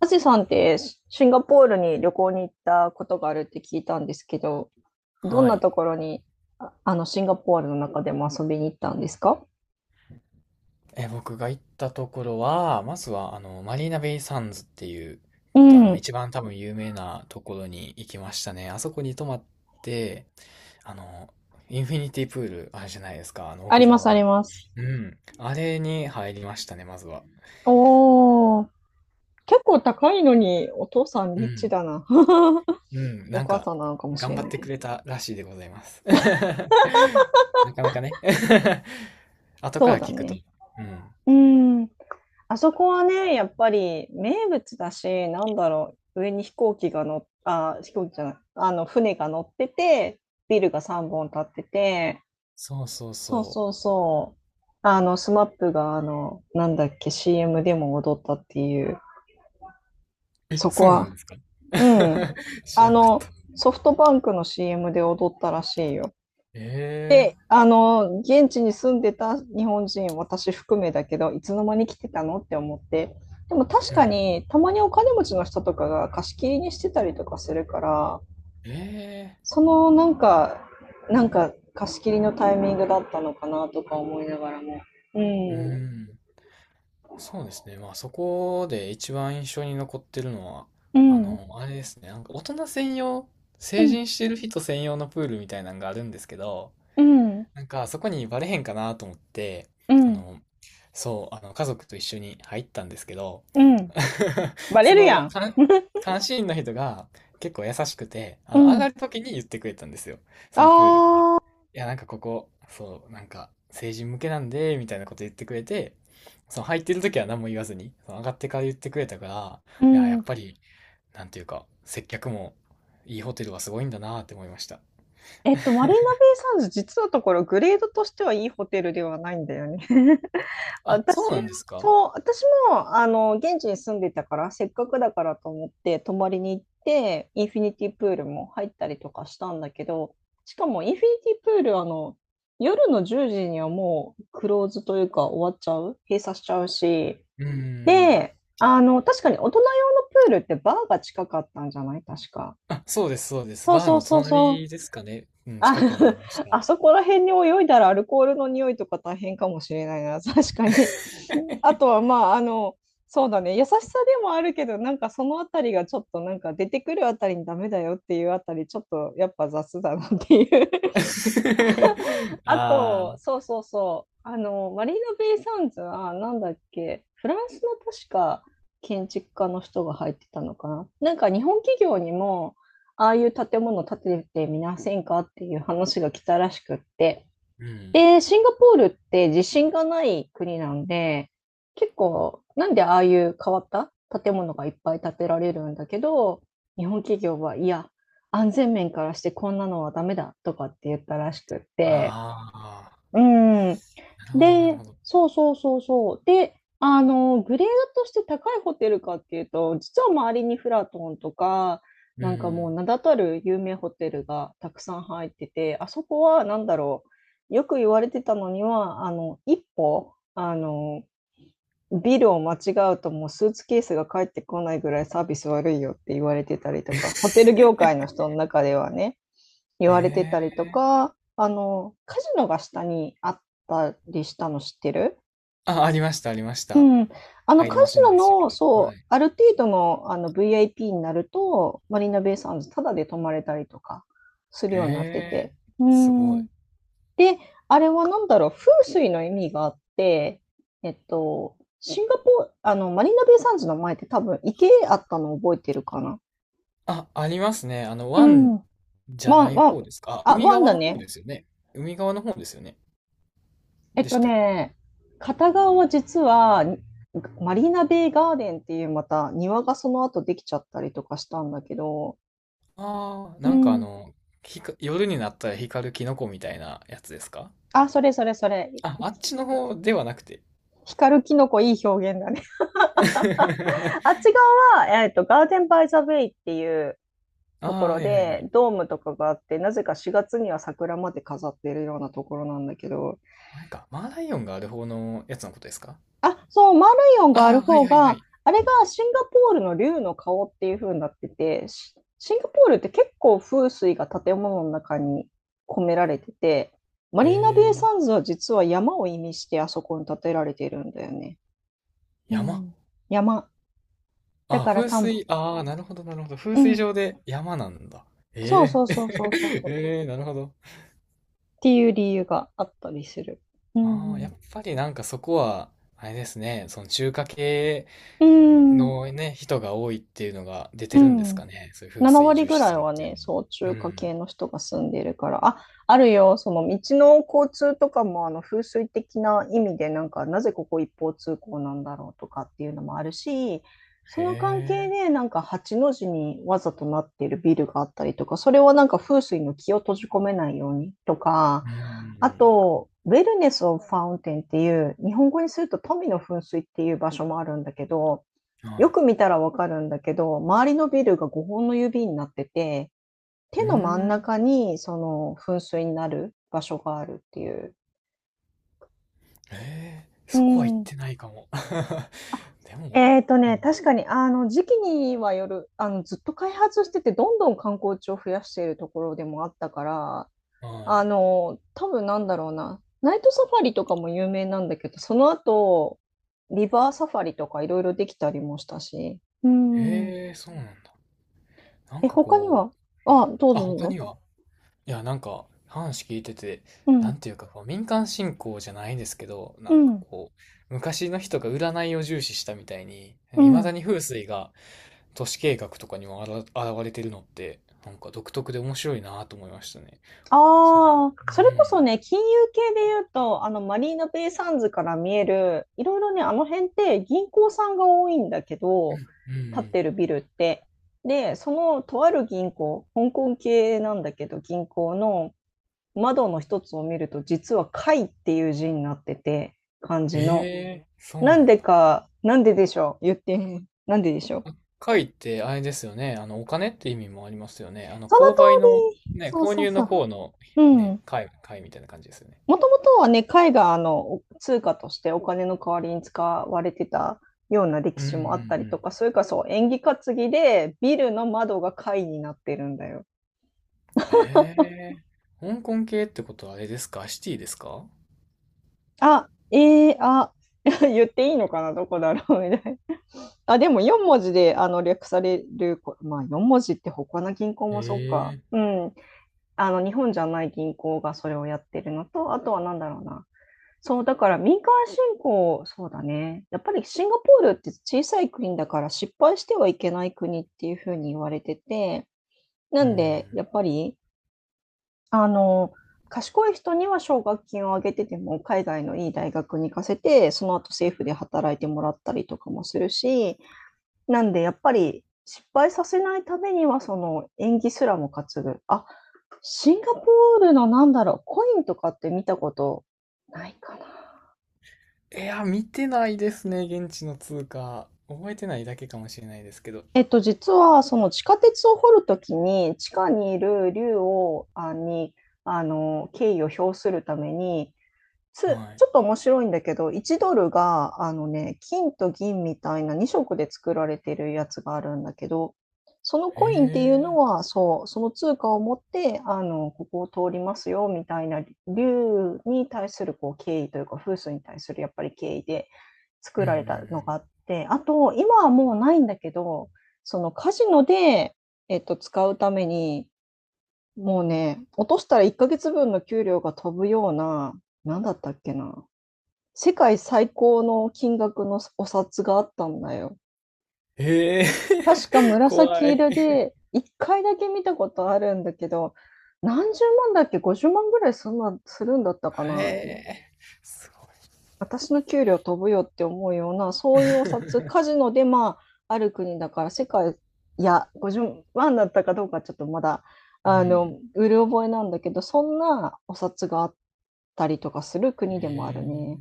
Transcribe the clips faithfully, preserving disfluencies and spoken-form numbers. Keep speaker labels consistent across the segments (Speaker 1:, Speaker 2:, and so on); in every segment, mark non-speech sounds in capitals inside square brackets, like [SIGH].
Speaker 1: アジさんってシンガポールに旅行に行ったことがあるって聞いたんですけど、どん
Speaker 2: は
Speaker 1: な
Speaker 2: い。
Speaker 1: ところに、ああのシンガポールの中でも遊びに行ったんですか？
Speaker 2: え、僕が行ったところは、まずは、あの、マリーナベイサンズっていう、
Speaker 1: う
Speaker 2: あの、
Speaker 1: ん、
Speaker 2: 一番多分有名なところに行きましたね。あそこに泊まって、あの、インフィニティプール、あれじゃないですか、あの、
Speaker 1: あ
Speaker 2: 屋
Speaker 1: り
Speaker 2: 上
Speaker 1: ますあり
Speaker 2: の。
Speaker 1: ます。
Speaker 2: うん。あれに入りましたね、まずは。
Speaker 1: おー、結構高いのにお父さん
Speaker 2: う
Speaker 1: リッチ
Speaker 2: ん。
Speaker 1: だな。[LAUGHS]
Speaker 2: うん。
Speaker 1: お
Speaker 2: なん
Speaker 1: 母
Speaker 2: か、
Speaker 1: さんなのかもし
Speaker 2: 頑
Speaker 1: れ
Speaker 2: 張
Speaker 1: な
Speaker 2: っ
Speaker 1: い
Speaker 2: て
Speaker 1: けど。
Speaker 2: くれたらしいでございます。[LAUGHS] なかなかね [LAUGHS] 後か
Speaker 1: そう
Speaker 2: ら
Speaker 1: だ
Speaker 2: 聞くと。
Speaker 1: ね。
Speaker 2: うん。
Speaker 1: うん、あそこはね、やっぱり名物だし、なんだろう、上に飛行機が乗っ、あ、飛行機じゃない、あの船が乗ってて、ビルがさんぼん立ってて、
Speaker 2: そうそう
Speaker 1: そう
Speaker 2: そ
Speaker 1: そう
Speaker 2: う。
Speaker 1: そう。あの、スマップが、あの、なんだっけ、シーエム でも踊ったっていう、そこ
Speaker 2: そうなん
Speaker 1: は、
Speaker 2: ですか？
Speaker 1: うん。
Speaker 2: [LAUGHS] 知
Speaker 1: あ
Speaker 2: らんかっ
Speaker 1: の、
Speaker 2: た。
Speaker 1: ソフトバンクの シーエム で踊ったらしいよ。
Speaker 2: え
Speaker 1: あの、現地に住んでた日本人、私含めだけど、いつの間に来てたのって思って。でも確
Speaker 2: え、う
Speaker 1: か
Speaker 2: ん。
Speaker 1: に、たまにお金持ちの人とかが貸し切りにしてたりとかするから、
Speaker 2: ええ、
Speaker 1: そのなんか、なんか貸し切りのタイミングだったのかなとか思いながらも。う
Speaker 2: う
Speaker 1: ん。
Speaker 2: ん。そうですね。まあそこで一番印象に残ってるのは、
Speaker 1: う
Speaker 2: あ
Speaker 1: ん
Speaker 2: の、あれですね。なんか大人専用、
Speaker 1: う
Speaker 2: 成
Speaker 1: ん、
Speaker 2: 人してる人専用のプールみたいなのがあるんですけど、
Speaker 1: うん、
Speaker 2: なんか、そこにバレへんかなと思って、
Speaker 1: う
Speaker 2: あ
Speaker 1: ん、
Speaker 2: の、そう、あの、家族と一緒に入ったんですけど、
Speaker 1: うん。
Speaker 2: [LAUGHS]
Speaker 1: バ
Speaker 2: そ
Speaker 1: レるや
Speaker 2: の、
Speaker 1: ん。
Speaker 2: 監
Speaker 1: [LAUGHS]
Speaker 2: 監視員の人が結構優しくて、あ
Speaker 1: う
Speaker 2: の、上
Speaker 1: ん。
Speaker 2: がる時に言ってくれたんですよ。そのプールから。い
Speaker 1: ああ。
Speaker 2: や、なんかここ、そう、なんか、成人向けなんで、みたいなこと言ってくれて、その入ってる時は何も言わずに、その上がってから言ってくれたから、
Speaker 1: う
Speaker 2: いや、や
Speaker 1: ん。
Speaker 2: っぱり、なんていうか、接客も、いいホテルはすごいんだなって思いました。
Speaker 1: えっと、マリーナベイ・サンズ、実のところ、グレードとしてはいいホテルではないんだよね。[LAUGHS]
Speaker 2: あ、そう
Speaker 1: 私は、
Speaker 2: なんですか？
Speaker 1: そう、私も、あの、現地に住んでたから、せっかくだからと思って、泊まりに行って、インフィニティプールも入ったりとかしたんだけど、しかも、インフィニティプール、あの、夜のじゅうじにはもう、クローズというか、終わっちゃう、閉鎖しちゃうし、
Speaker 2: うーん。
Speaker 1: で、あの、確かに大人用のプールってバーが近かったんじゃない、確か。
Speaker 2: あ、そうです、そうです。
Speaker 1: そう
Speaker 2: バー
Speaker 1: そう
Speaker 2: の
Speaker 1: そうそう。
Speaker 2: 隣ですかね。うん、
Speaker 1: あ、
Speaker 2: 近くにあり
Speaker 1: [LAUGHS]
Speaker 2: ました。
Speaker 1: あそこら辺に泳いだらアルコールの匂いとか大変かもしれないな、[LAUGHS] 確かに。あとは、まあ、あの、そうだね、優しさでもあるけど、なんかそのあたりがちょっとなんか出てくるあたりにダメだよっていうあたり、ちょっとやっぱ雑だなっていう。 [LAUGHS]
Speaker 2: [LAUGHS]
Speaker 1: あ
Speaker 2: ああ、
Speaker 1: と、そうそうそう、あの、マリーナベイサンズはなんだっけ、フランスの確か建築家の人が入ってたのかな。なんか日本企業にも、ああいう建物建ててみませんかっていう話が来たらしくって。
Speaker 2: うん。
Speaker 1: で、シンガポールって地震がない国なんで、結構、なんでああいう変わった建物がいっぱい建てられるんだけど、日本企業は、いや、安全面からしてこんなのはダメだとかって言ったらしくって。
Speaker 2: あ
Speaker 1: うん。
Speaker 2: あ、なるほど、なる
Speaker 1: で、
Speaker 2: ほど。
Speaker 1: そうそうそうそう。で、あの、グレードとして高いホテルかっていうと、実は周りにフラトンとか、
Speaker 2: う
Speaker 1: なんかもう
Speaker 2: ん。
Speaker 1: 名だたる有名ホテルがたくさん入ってて、あそこは何だろう、よく言われてたのには、あの、一歩、あの、ビルを間違うともうスーツケースが返ってこないぐらいサービス悪いよって言われてたりとか、ホテル
Speaker 2: [LAUGHS]
Speaker 1: 業界の人の中ではね。言われてた
Speaker 2: え
Speaker 1: りと
Speaker 2: え、
Speaker 1: か、あの、カジノが下にあったりしたの知ってる？
Speaker 2: あ、ありました、ありまし
Speaker 1: う
Speaker 2: た。
Speaker 1: ん。あの
Speaker 2: 入
Speaker 1: カ
Speaker 2: れま
Speaker 1: ジ
Speaker 2: せんでした
Speaker 1: ノ
Speaker 2: け
Speaker 1: の、
Speaker 2: ど。は
Speaker 1: そう、
Speaker 2: い。
Speaker 1: ある程度のあの ブイアイピー になると、マリーナベイサンズタダで泊まれたりとかするようになって
Speaker 2: ええ、
Speaker 1: て。う
Speaker 2: すごい。
Speaker 1: ん。で、あれは何だろう、風水の意味があって、えっと、シンガポールあの、マリーナベイサンズの前って多分池あったの覚えてるかな？
Speaker 2: あ、ありますね。あの、
Speaker 1: うん。
Speaker 2: 湾じゃ
Speaker 1: ワ
Speaker 2: な
Speaker 1: ン
Speaker 2: い
Speaker 1: ワン、
Speaker 2: 方ですか。あ、
Speaker 1: あ、
Speaker 2: 海
Speaker 1: ワン
Speaker 2: 側
Speaker 1: だ
Speaker 2: の方
Speaker 1: ね。
Speaker 2: ですよね。海側の方ですよね。
Speaker 1: えっ
Speaker 2: で
Speaker 1: と
Speaker 2: したっけ？
Speaker 1: ね、片側は実は、マリーナベイガーデンっていうまた庭がその後できちゃったりとかしたんだけど。
Speaker 2: ああ、
Speaker 1: う
Speaker 2: なんかあ
Speaker 1: ん。
Speaker 2: の、ひか、夜になったら光るキノコみたいなやつですか？
Speaker 1: あ、それそれそれ。
Speaker 2: あ、あっちの方ではなくて。
Speaker 1: 光るキノコいい表現だね。[LAUGHS] あっ
Speaker 2: [LAUGHS]
Speaker 1: ち側は、えっと、ガーデンバイザベイっていう
Speaker 2: あ
Speaker 1: とこ
Speaker 2: あ、は
Speaker 1: ろ
Speaker 2: いはいは
Speaker 1: で、
Speaker 2: い。
Speaker 1: ドームとかがあって、なぜかしがつには桜まで飾っているようなところなんだけど。
Speaker 2: なんか、マーライオンがある方のやつのことですか？
Speaker 1: あ、そう、マーライオンがあ
Speaker 2: あ
Speaker 1: る
Speaker 2: あー、はい
Speaker 1: 方
Speaker 2: はいは
Speaker 1: が、
Speaker 2: い。
Speaker 1: あれがシンガポールの竜の顔っていう風になってて、シシンガポールって結構風水が建物の中に込められてて、マ
Speaker 2: え
Speaker 1: リーナベイ
Speaker 2: ー、
Speaker 1: サンズは実は山を意味してあそこに建てられているんだよね。う
Speaker 2: 山。
Speaker 1: ん。山。だ
Speaker 2: あー、
Speaker 1: から
Speaker 2: 風
Speaker 1: さんぼん。
Speaker 2: 水、ああ、なるほどなるほど。風
Speaker 1: う
Speaker 2: 水
Speaker 1: ん。
Speaker 2: 上で山なんだ。
Speaker 1: そうそ
Speaker 2: え
Speaker 1: う
Speaker 2: え
Speaker 1: そうそうそう
Speaker 2: ー、[LAUGHS]
Speaker 1: そう。
Speaker 2: えー、なるほど。
Speaker 1: っていう理由があったりする。う
Speaker 2: ああ、
Speaker 1: んう
Speaker 2: や
Speaker 1: ん。
Speaker 2: っぱりなんかそこは、あれですね、その中華系
Speaker 1: うん。
Speaker 2: のね、人が多いっていうのが出
Speaker 1: う
Speaker 2: てるんです
Speaker 1: ん。
Speaker 2: かね。そういう風水
Speaker 1: ななわり割
Speaker 2: 重
Speaker 1: ぐ
Speaker 2: 視
Speaker 1: ら
Speaker 2: す
Speaker 1: い
Speaker 2: るっ
Speaker 1: は
Speaker 2: ていう
Speaker 1: ね、
Speaker 2: のに。
Speaker 1: そう、中
Speaker 2: うん。
Speaker 1: 華系の人が住んでいるから、あ、あるよ、その道の交通とかも、あの、風水的な意味で、なんか、なぜここ一方通行なんだろうとかっていうのもあるし、
Speaker 2: へ
Speaker 1: その関係
Speaker 2: え。
Speaker 1: で、なんか、八の字にわざとなっているビルがあったりとか、それはなんか風水の気を閉じ込めないようにとか、
Speaker 2: うんう
Speaker 1: あ
Speaker 2: ん
Speaker 1: と、ウェルネス・オブ・ファウンテンっていう、日本語にすると富の噴水っていう場所もあるんだけど、
Speaker 2: うん。は
Speaker 1: よ
Speaker 2: い。
Speaker 1: く見たらわかるんだけど、周りのビルがごほんの指になってて、
Speaker 2: う
Speaker 1: 手
Speaker 2: ー
Speaker 1: の真ん
Speaker 2: ん。
Speaker 1: 中にその噴水になる場所があるっていう。
Speaker 2: へえ。
Speaker 1: う
Speaker 2: そこは行っ
Speaker 1: ん。
Speaker 2: てないかも。
Speaker 1: あ、
Speaker 2: [LAUGHS] でも、
Speaker 1: えっと
Speaker 2: う
Speaker 1: ね、
Speaker 2: ん。
Speaker 1: 確かにあの時期にはよる、あのずっと開発してて、どんどん観光地を増やしているところでもあったから、
Speaker 2: は
Speaker 1: あ
Speaker 2: い。
Speaker 1: の多分なんだろうな、ナイトサファリとかも有名なんだけど、その後、リバーサファリとかいろいろできたりもしたし。うーん。
Speaker 2: へえ、そうなんだ。なん
Speaker 1: え、
Speaker 2: か
Speaker 1: 他に
Speaker 2: こ
Speaker 1: は、
Speaker 2: う、ね。
Speaker 1: あ、どう
Speaker 2: あ、
Speaker 1: ぞどう
Speaker 2: 他
Speaker 1: ぞ。
Speaker 2: には、いや、なんか話聞いてて、
Speaker 1: う
Speaker 2: な
Speaker 1: ん、
Speaker 2: んていうかこう、民間信仰じゃないですけど、な
Speaker 1: う
Speaker 2: んか
Speaker 1: ん、
Speaker 2: こう、昔の人が占いを重視したみたいに、
Speaker 1: う
Speaker 2: いまだ
Speaker 1: ん。
Speaker 2: に風水が、都市計画とかにもあら現れてるのって、なんか独特で面白いなと思いましたね。そう。
Speaker 1: ああ、
Speaker 2: う
Speaker 1: それこそ
Speaker 2: ん。
Speaker 1: ね、金融系で言うと、あの、マリーナベイサンズから見える、いろいろね、あの辺って銀行さんが多いんだけ
Speaker 2: う
Speaker 1: ど、
Speaker 2: ん。うんう
Speaker 1: 建っ
Speaker 2: ん。
Speaker 1: てるビルって。で、そのとある銀行、香港系なんだけど、銀行の窓の一つを見ると、実は貝っていう字になってて、漢
Speaker 2: え
Speaker 1: 字の。
Speaker 2: え、そう
Speaker 1: なん
Speaker 2: なん
Speaker 1: で
Speaker 2: だ。
Speaker 1: か、なんででしょう、言って、なんででしょう。
Speaker 2: 赤いってあれですよね。あの、お金って意味もありますよね。あの、
Speaker 1: その
Speaker 2: 購買の、
Speaker 1: 通り。
Speaker 2: ね、
Speaker 1: そう
Speaker 2: 購
Speaker 1: そう
Speaker 2: 入
Speaker 1: そ
Speaker 2: の
Speaker 1: う。
Speaker 2: 方の、
Speaker 1: う
Speaker 2: ね、
Speaker 1: ん。
Speaker 2: 買貝みたいな感じですよね。
Speaker 1: もともとはね、貝があの通貨としてお金の代わりに使われてたような歴
Speaker 2: うんうんう
Speaker 1: 史もあったりと
Speaker 2: ん。
Speaker 1: か、それからそう、縁起担ぎでビルの窓が貝になってるんだよ。
Speaker 2: ええ、香港系ってことはあれですか？シティですか？
Speaker 1: あ、ええ、あ、[LAUGHS] 言っていいのかな、どこだろうみたいな。あ、でもよん文字であの略されるこ、まあよん文字って他の銀行もそうか。
Speaker 2: ええ、
Speaker 1: うん。あの日本じゃない銀行がそれをやってるのと、あとはなんだろうな。そう、だから民間信仰、そうだね。やっぱりシンガポールって小さい国だから失敗してはいけない国っていうふうに言われてて、な
Speaker 2: う
Speaker 1: んで、
Speaker 2: ん。
Speaker 1: やっぱり、あの、賢い人には奨学金をあげてても、海外のいい大学に行かせて、その後政府で働いてもらったりとかもするし、なんでやっぱり失敗させないためには、その縁起すらも担ぐ。あ、シンガポールのなんだろう、コインとかって見たことないかな。
Speaker 2: いや、見てないですね。現地の通貨。覚えてないだけかもしれないですけど。
Speaker 1: えっと、実はその地下鉄を掘るときに、地下にいる竜をあに、あの、敬意を表するために、つ
Speaker 2: はい。
Speaker 1: ちょっと面白いんだけど、いちドルドルが、あのね、金と銀みたいなにしょく色で作られてるやつがあるんだけど、その
Speaker 2: へ
Speaker 1: コインっていうの
Speaker 2: え。
Speaker 1: は、そう、その通貨を持って、あの、ここを通りますよ、みたいな、竜に対する、こう、敬意というか、風水に対する、やっぱり敬意で作
Speaker 2: うんうん
Speaker 1: られたのがあっ
Speaker 2: う
Speaker 1: て、あと、今はもうないんだけど、そのカジノで、えっと、使うために、もうね、落としたらいっかげつぶんの給料が飛ぶような、なんだったっけな、世界最高の金額のお札があったんだよ。
Speaker 2: ん。へえ。
Speaker 1: 確か
Speaker 2: [LAUGHS] 怖
Speaker 1: 紫
Speaker 2: い。
Speaker 1: 色で、いっかいだけ見たことあるんだけど、何十万だっけ、ごじゅうまんぐらいそんなするんだったか
Speaker 2: へ
Speaker 1: な。
Speaker 2: え。そう。
Speaker 1: 私の給料飛ぶよって思うような、そういうお札、カ
Speaker 2: [LAUGHS]
Speaker 1: ジノで、まあ、ある国だから世界いや、ごじゅうまんだったかどうかちょっとまだ、
Speaker 2: う
Speaker 1: あの、
Speaker 2: ん。
Speaker 1: うる覚えなんだけど、そんなお札があったりとかする
Speaker 2: へ
Speaker 1: 国でもあ
Speaker 2: え。
Speaker 1: るね。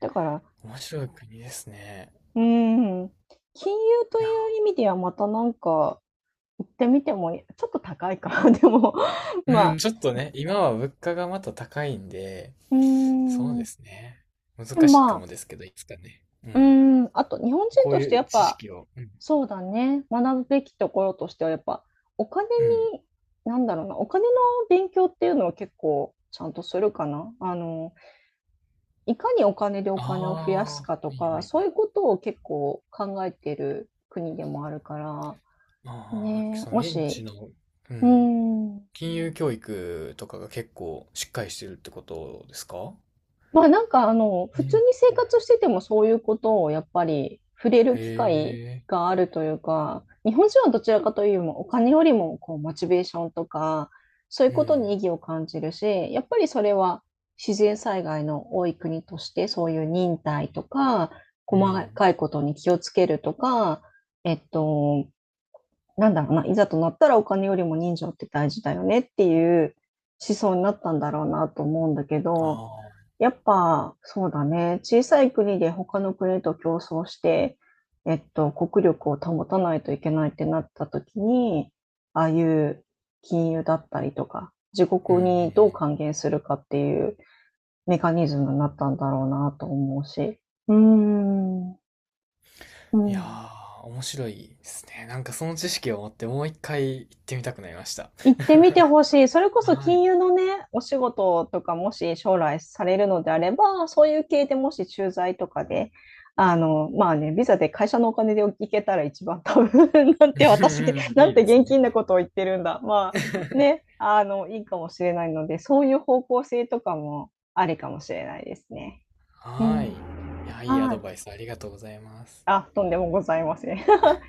Speaker 1: だから、
Speaker 2: 面白い国ですね。
Speaker 1: うーん、金融と
Speaker 2: いや、
Speaker 1: いう意味ではまたなんか行ってみてもいいちょっと高いか、[LAUGHS] でも、
Speaker 2: うん、
Speaker 1: まあ、
Speaker 2: ちょっとね、今は物価がまた高いんで、
Speaker 1: うー
Speaker 2: そう
Speaker 1: ん、
Speaker 2: で
Speaker 1: で
Speaker 2: すね。
Speaker 1: も、
Speaker 2: 難しい
Speaker 1: ま
Speaker 2: かも
Speaker 1: あ、
Speaker 2: ですけど、いつかね。う
Speaker 1: うー
Speaker 2: ん。
Speaker 1: ん、あと日本人
Speaker 2: こう
Speaker 1: としてや
Speaker 2: いう
Speaker 1: っ
Speaker 2: 知
Speaker 1: ぱ
Speaker 2: 識を。うん。
Speaker 1: そうだね。学ぶべきところとしてはやっぱ、お金
Speaker 2: うん。
Speaker 1: に、なんだろうな、お金の勉強っていうのは結構ちゃんとするかな。あの、いかにお金でお
Speaker 2: あ
Speaker 1: 金を増や
Speaker 2: あ、
Speaker 1: す
Speaker 2: は
Speaker 1: かと
Speaker 2: いは
Speaker 1: か、
Speaker 2: い
Speaker 1: そ
Speaker 2: は
Speaker 1: う
Speaker 2: い。
Speaker 1: いうことを結構考えてる国でもあるから、
Speaker 2: ああ、
Speaker 1: ね
Speaker 2: そ
Speaker 1: え、
Speaker 2: の
Speaker 1: も
Speaker 2: 現
Speaker 1: し
Speaker 2: 地の、う
Speaker 1: う
Speaker 2: ん。
Speaker 1: ん。
Speaker 2: 金融教育とかが結構しっかりしてるってことですか？
Speaker 1: まあ、なんか、あの、普
Speaker 2: う
Speaker 1: 通に
Speaker 2: ん。
Speaker 1: 生活しててもそういうことをやっぱり触れる
Speaker 2: へ
Speaker 1: 機会
Speaker 2: え、
Speaker 1: があるというか、日本人はどちらかというよりもお金よりもこうモチベーションとか、そういう
Speaker 2: う
Speaker 1: ことに意
Speaker 2: ん、
Speaker 1: 義を感じるし、やっぱりそれは自然災害の多い国として、そういう忍耐とか、
Speaker 2: う
Speaker 1: 細
Speaker 2: ん。
Speaker 1: かいことに気をつけるとか、えっと、なんだろうな、いざとなったらお金よりも人情って大事だよねっていう思想になったんだろうなと思うんだけど、
Speaker 2: ああ、
Speaker 1: やっぱ、そうだね。小さい国で他の国と競争して、えっと、国力を保たないといけないってなった時に、ああいう金融だったりとか、自
Speaker 2: うんう
Speaker 1: 国
Speaker 2: んう
Speaker 1: にどう還元するかっていうメカニズムになったんだろうなと思うし。うーん、う
Speaker 2: ん。いや
Speaker 1: ん。
Speaker 2: ー、面白いですね。なんかその知識を持ってもう一回行ってみたくなりました。
Speaker 1: 行ってみてほしい。それこ
Speaker 2: [LAUGHS]
Speaker 1: そ
Speaker 2: はい。
Speaker 1: 金融のね、お仕事とかもし将来されるのであれば、そういう系でもし駐在とかで、あの、まあね、ビザで会社のお金で行けたら一番多分 [LAUGHS] なんて
Speaker 2: [LAUGHS] う
Speaker 1: 私、
Speaker 2: んうん、
Speaker 1: な
Speaker 2: い
Speaker 1: ん
Speaker 2: い
Speaker 1: て
Speaker 2: です
Speaker 1: 現
Speaker 2: ね。
Speaker 1: 金なことを言ってるんだ。まあね、
Speaker 2: [LAUGHS]
Speaker 1: あの、いいかもしれないので、そういう方向性とかもありかもしれないですね。う
Speaker 2: は
Speaker 1: ん。
Speaker 2: い。いや、いいア
Speaker 1: は
Speaker 2: ド
Speaker 1: い。
Speaker 2: バイスありがとうございます。
Speaker 1: あ、とんでもございません。[LAUGHS]